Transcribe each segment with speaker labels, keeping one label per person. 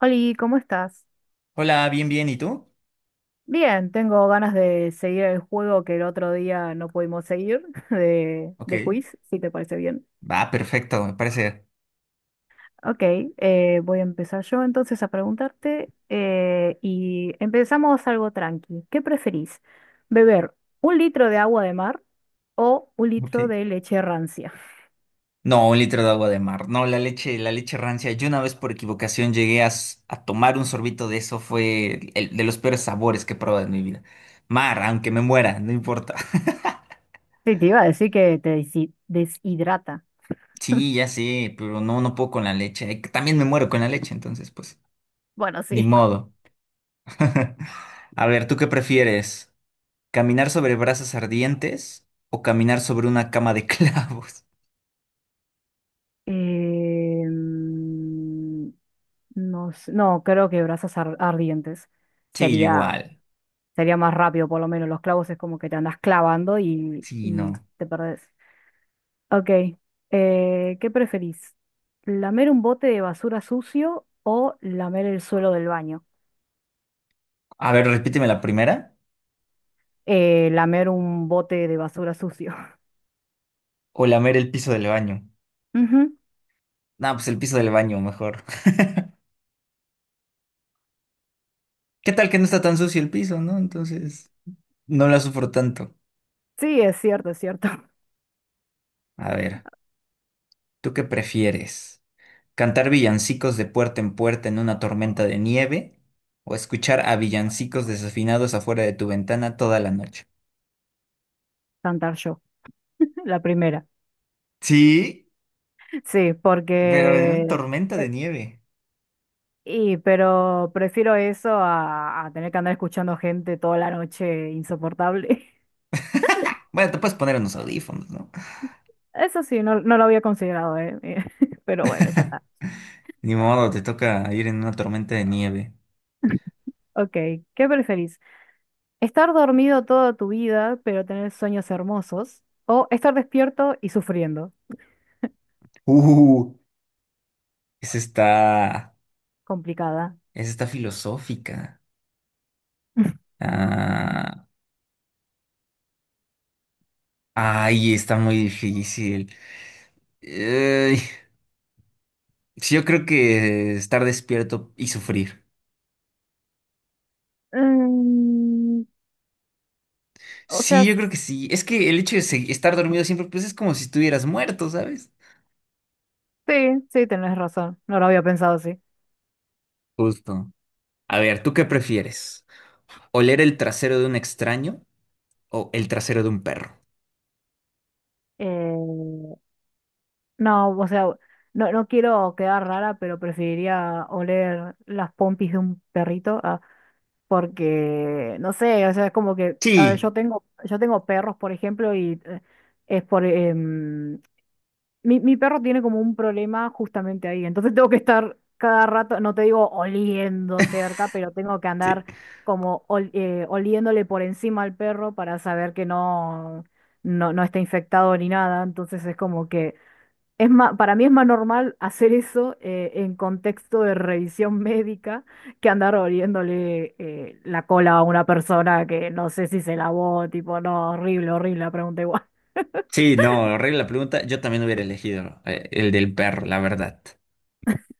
Speaker 1: Oli, ¿cómo estás?
Speaker 2: Hola, bien, bien, ¿y tú?
Speaker 1: Bien, tengo ganas de seguir el juego que el otro día no pudimos seguir de,
Speaker 2: Ok.
Speaker 1: de quiz, si te parece bien.
Speaker 2: Va, perfecto, me parece.
Speaker 1: Ok, voy a empezar yo entonces a preguntarte y empezamos algo tranqui. ¿Qué preferís? ¿Beber un litro de agua de mar o un litro
Speaker 2: Ok.
Speaker 1: de leche rancia?
Speaker 2: No, un litro de agua de mar. No, la leche rancia. Yo una vez por equivocación llegué a tomar un sorbito de eso. Fue de los peores sabores que he probado en mi vida. Mar, aunque me muera, no importa.
Speaker 1: Sí, te iba a decir que te deshidrata.
Speaker 2: Sí, ya sé, pero no, no puedo con la leche. También me muero con la leche, entonces, pues,
Speaker 1: Bueno,
Speaker 2: ni
Speaker 1: sí.
Speaker 2: modo. A ver, ¿tú qué prefieres? ¿Caminar sobre brasas ardientes o caminar sobre una cama de clavos?
Speaker 1: Em, No, no, creo que brasas ardientes
Speaker 2: Sí, yo
Speaker 1: sería,
Speaker 2: igual.
Speaker 1: sería más rápido, por lo menos. Los clavos es como que te andas clavando y,
Speaker 2: Sí, no.
Speaker 1: y te perdés. Ok, ¿qué preferís? ¿Lamer un bote de basura sucio o lamer el suelo del baño?
Speaker 2: A ver, repíteme la primera.
Speaker 1: Lamer un bote de basura sucio.
Speaker 2: O lamer el piso del baño.
Speaker 1: Ujú.
Speaker 2: No, pues el piso del baño, mejor. ¿Qué tal que no está tan sucio el piso, no? Entonces, no la sufro tanto.
Speaker 1: Sí, es cierto, es cierto.
Speaker 2: A ver, ¿tú qué prefieres? ¿Cantar villancicos de puerta en puerta en una tormenta de nieve? ¿O escuchar a villancicos desafinados afuera de tu ventana toda la noche?
Speaker 1: Cantar yo, la primera.
Speaker 2: Sí,
Speaker 1: Sí,
Speaker 2: pero en una
Speaker 1: porque...
Speaker 2: tormenta de
Speaker 1: eh,
Speaker 2: nieve.
Speaker 1: Y, pero prefiero eso a tener que andar escuchando gente toda la noche insoportable.
Speaker 2: Bueno, te puedes poner unos audífonos, ¿no?
Speaker 1: Eso sí, no, no lo había considerado, ¿eh? Pero bueno, ya está.
Speaker 2: Ni modo, te toca ir en una tormenta de nieve.
Speaker 1: Ok, ¿qué preferís? ¿Estar dormido toda tu vida, pero tener sueños hermosos? ¿O estar despierto y sufriendo?
Speaker 2: Uh, ese está.
Speaker 1: Complicada.
Speaker 2: Esa está filosófica. Ah, ay, está muy difícil. Ey, sí, yo creo que estar despierto y sufrir.
Speaker 1: Mm, o sea,
Speaker 2: Sí, yo creo que sí. Es que el hecho de estar dormido siempre, pues es como si estuvieras muerto, ¿sabes?
Speaker 1: sí, sí, tenés razón. No lo había pensado así.
Speaker 2: Justo. A ver, ¿tú qué prefieres? ¿Oler el trasero de un extraño o el trasero de un perro?
Speaker 1: Eh, No, o sea, no, no quiero quedar rara, pero preferiría oler las pompis de un perrito, ah, porque, no sé, o sea, es como que, a ver,
Speaker 2: Sí,
Speaker 1: yo tengo perros, por ejemplo, y es por, mi perro tiene como un problema justamente ahí, entonces tengo que estar cada rato, no te digo oliendo cerca, pero tengo que
Speaker 2: sí.
Speaker 1: andar como oliéndole por encima al perro para saber que no, no, no está infectado ni nada, entonces es como que... Es para mí es más normal hacer eso en contexto de revisión médica que andar oliéndole la cola a una persona que no sé si se lavó, tipo, no, horrible, horrible, la pregunta igual.
Speaker 2: Sí, no, arregla la pregunta. Yo también hubiera elegido el del perro, la verdad.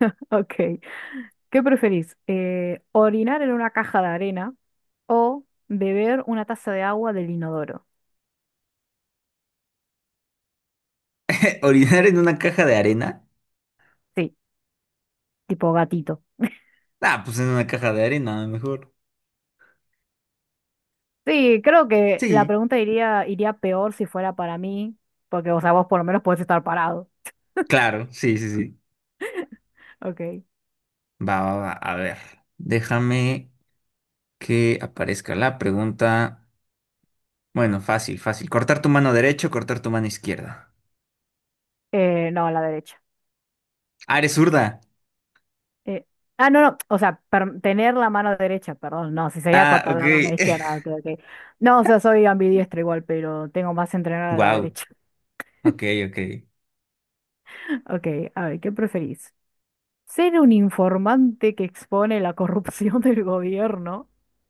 Speaker 1: Ok. ¿Qué preferís? ¿Orinar en una caja de arena o beber una taza de agua del inodoro?
Speaker 2: ¿Orinar en una caja de arena?
Speaker 1: Sí, tipo gatito.
Speaker 2: Ah, pues en una caja de arena, mejor.
Speaker 1: Sí, creo que la
Speaker 2: Sí,
Speaker 1: pregunta iría peor si fuera para mí, porque, o sea, vos por lo menos podés estar parado.
Speaker 2: claro, sí, sí, sí.
Speaker 1: Ok.
Speaker 2: Va, va, va. A ver, déjame que aparezca la pregunta. Bueno, fácil, fácil. Cortar tu mano derecha o cortar tu mano izquierda.
Speaker 1: No, a la derecha.
Speaker 2: Ah, eres zurda.
Speaker 1: Eh, ah, no, no, o sea, tener la mano derecha, perdón, no, si sería
Speaker 2: Ah,
Speaker 1: cortar
Speaker 2: ok.
Speaker 1: la mano izquierda, ok, ok. No, o sea, soy ambidiestro igual, pero tengo más entrenada a la
Speaker 2: Wow.
Speaker 1: derecha.
Speaker 2: Ok, ok.
Speaker 1: Ok, a ver, ¿qué preferís? ¿Ser un informante que expone la corrupción del gobierno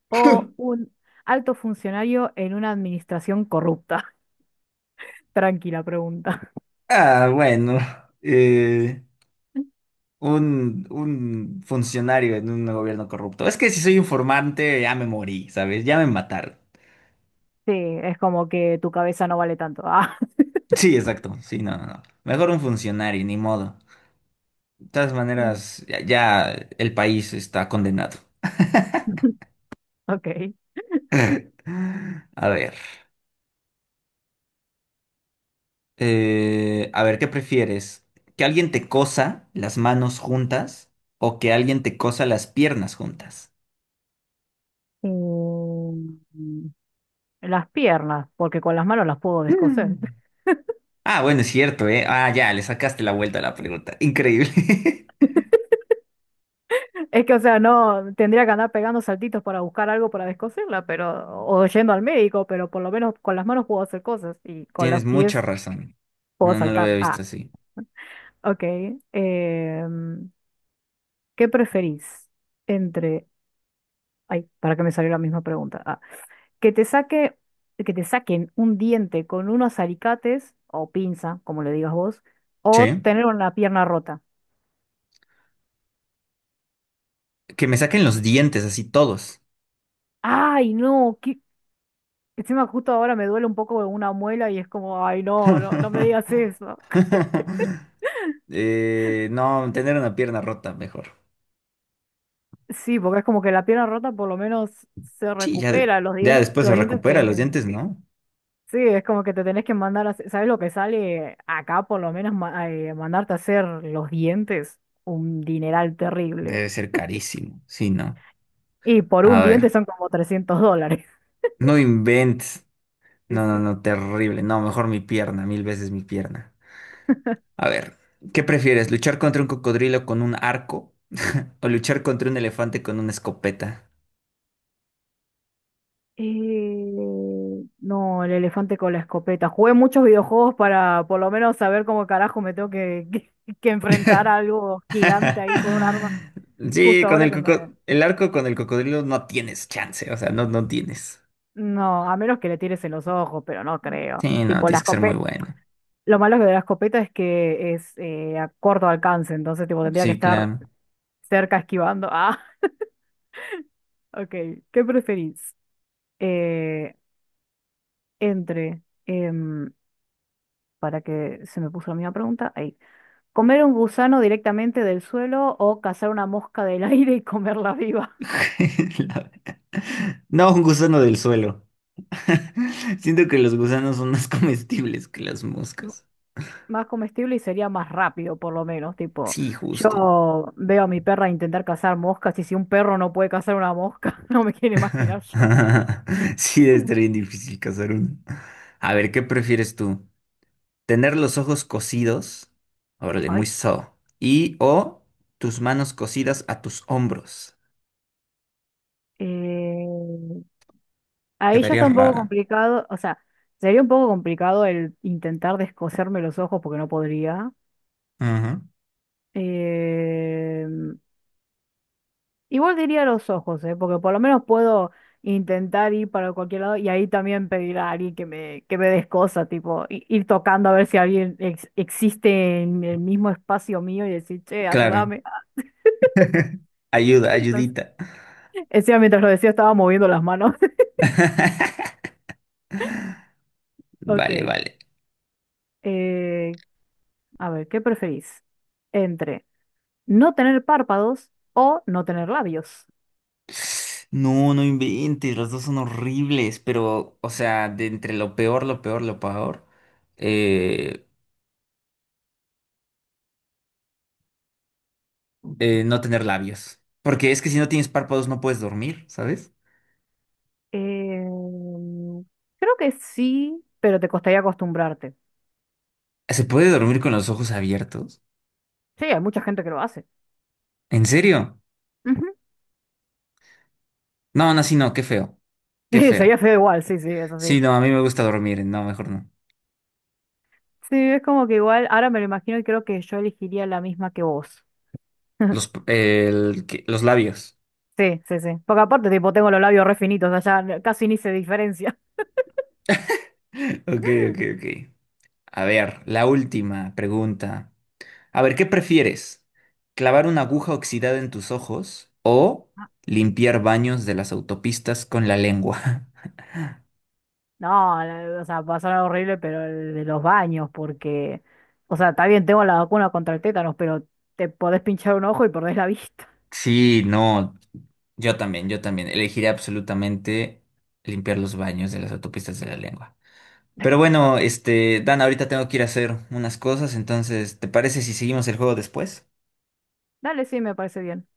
Speaker 1: o un alto funcionario en una administración corrupta? Tranquila pregunta.
Speaker 2: Ah, bueno. eh, un funcionario en un gobierno corrupto. Es que si soy informante, ya me morí, ¿sabes? Ya me mataron.
Speaker 1: Sí, es como que tu cabeza no vale tanto. Ah,
Speaker 2: Sí, exacto. Sí, no, no, no. Mejor un funcionario, ni modo. De todas maneras, ya, ya el país está condenado.
Speaker 1: ok.
Speaker 2: A ver, ¿qué prefieres? ¿Que alguien te cosa las manos juntas o que alguien te cosa las piernas juntas?
Speaker 1: Eh, Las piernas, porque con las manos las puedo
Speaker 2: Mm.
Speaker 1: descoser.
Speaker 2: Ah, bueno, es cierto, ¿eh? Ah, ya, le sacaste la vuelta a la pregunta. Increíble.
Speaker 1: Es que, o sea, no tendría que andar pegando saltitos para buscar algo para descoserla, pero, o yendo al médico, pero por lo menos con las manos puedo hacer cosas y con los
Speaker 2: Tienes mucha
Speaker 1: pies
Speaker 2: razón.
Speaker 1: puedo
Speaker 2: No, no lo
Speaker 1: saltar.
Speaker 2: había visto
Speaker 1: Ah,
Speaker 2: así.
Speaker 1: ok. em, ¿qué preferís entre, ay, para que me salió la misma pregunta? Ah, que te saque, que te saquen un diente con unos alicates o pinza, como le digas vos, o
Speaker 2: Sí.
Speaker 1: tener una pierna rota.
Speaker 2: Que me saquen los dientes así todos.
Speaker 1: Ay, no, qué, encima justo ahora me duele un poco una muela y es como, ay, no, no, no me digas eso.
Speaker 2: No, tener una pierna rota, mejor.
Speaker 1: Sí, porque es como que la pierna rota por lo menos se
Speaker 2: Sí, ya,
Speaker 1: recupera,
Speaker 2: ya después
Speaker 1: los
Speaker 2: se
Speaker 1: dientes
Speaker 2: recupera los
Speaker 1: te...
Speaker 2: dientes, ¿no?
Speaker 1: Sí, es como que te tenés que mandar a... ¿Sabes lo que sale acá por lo menos mandarte a hacer los dientes? Un dineral terrible.
Speaker 2: Debe ser carísimo. Sí, ¿no?
Speaker 1: Y por un
Speaker 2: A
Speaker 1: diente
Speaker 2: ver.
Speaker 1: son como $300.
Speaker 2: No inventes. No, no, no, terrible. No, mejor mi pierna, mil veces mi pierna. A ver, ¿qué prefieres? ¿Luchar contra un cocodrilo con un arco o luchar contra un elefante con una escopeta?
Speaker 1: No, el elefante con la escopeta. Jugué muchos videojuegos para por lo menos saber cómo carajo me tengo que, que enfrentar a algo gigante ahí con un arma.
Speaker 2: Sí,
Speaker 1: Justo
Speaker 2: con
Speaker 1: ahora que me...
Speaker 2: el arco con el cocodrilo no tienes chance, o sea, no, no tienes.
Speaker 1: No, a menos que le tires en los ojos, pero no creo.
Speaker 2: Sí, no,
Speaker 1: Tipo, la
Speaker 2: tienes que ser muy
Speaker 1: escopeta...
Speaker 2: bueno.
Speaker 1: Lo malo de la escopeta es que es a corto alcance, entonces tipo, tendría que
Speaker 2: Sí,
Speaker 1: estar
Speaker 2: claro.
Speaker 1: cerca esquivando. Ah, ok. ¿Qué preferís? Eh, entre... em, para que se me puso la misma pregunta. Ahí. ¿Comer un gusano directamente del suelo o cazar una mosca del aire y comerla viva?
Speaker 2: No, un gusano del suelo. Siento que los gusanos son más comestibles que las
Speaker 1: M-
Speaker 2: moscas.
Speaker 1: Más comestible y sería más rápido, por lo menos. Tipo,
Speaker 2: Sí, justo.
Speaker 1: yo veo a mi perra intentar cazar moscas y si un perro no puede cazar una mosca, no me quiero imaginar yo.
Speaker 2: Sí, debe estar bien difícil cazar uno. A ver, ¿qué prefieres tú? ¿Tener los ojos cosidos? Órale, muy
Speaker 1: Ay,
Speaker 2: so. O tus manos cosidas a tus hombros.
Speaker 1: eh, ahí ya
Speaker 2: Quedaría
Speaker 1: está un poco
Speaker 2: rara.
Speaker 1: complicado, o sea, sería un poco complicado el intentar descoserme los ojos porque no podría.
Speaker 2: Ajá.
Speaker 1: Em, Igual diría los ojos, ¿eh? Porque por lo menos puedo intentar ir para cualquier lado y ahí también pedir a alguien que me des cosas, tipo, ir tocando a ver si alguien existe en el mismo espacio mío y decir, che,
Speaker 2: Claro.
Speaker 1: ayúdame.
Speaker 2: Ayuda,
Speaker 1: No sé.
Speaker 2: ayudita.
Speaker 1: Encima, mientras lo decía, estaba moviendo las manos.
Speaker 2: Vale,
Speaker 1: Ok,
Speaker 2: vale.
Speaker 1: eh, a ver, ¿qué preferís? Entre no tener párpados o no tener labios.
Speaker 2: No, no inventes, los dos son horribles, pero, o sea, de entre lo peor, lo peor, lo peor, eh, no tener labios. Porque es que si no tienes párpados no puedes dormir, ¿sabes?
Speaker 1: Em, creo que sí, pero te costaría acostumbrarte.
Speaker 2: ¿Se puede dormir con los ojos abiertos?
Speaker 1: Sí, hay mucha gente que lo hace.
Speaker 2: ¿En serio? No, no, sí, no, qué feo, qué
Speaker 1: sería
Speaker 2: feo.
Speaker 1: feo igual, sí, sí, eso sí.
Speaker 2: Sí, no, a mí me gusta dormir, no, mejor no.
Speaker 1: Sí, es como que igual, ahora me lo imagino y creo que yo elegiría la misma que vos.
Speaker 2: Los, los labios.
Speaker 1: Sí, sí, sí. Porque aparte, tipo, tengo los labios re finitos, o sea, ya casi ni se diferencia.
Speaker 2: Ok, ok, ok. A ver, la última pregunta. A ver, ¿qué prefieres? ¿Clavar una aguja oxidada en tus ojos o limpiar baños de las autopistas con la lengua?
Speaker 1: No, o sea, va a sonar horrible, pero el de los baños, porque, o sea, está bien, tengo la vacuna contra el tétanos, pero te podés pinchar un ojo y perdés la vista.
Speaker 2: Sí, no, yo también, yo también. Elegiría absolutamente limpiar los baños de las autopistas de la lengua. Pero bueno, este, Dan, ahorita tengo que ir a hacer unas cosas, entonces, ¿te parece si seguimos el juego después?
Speaker 1: Dale, sí, me parece bien.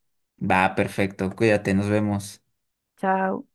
Speaker 2: Va, perfecto, cuídate, nos vemos.
Speaker 1: Chao.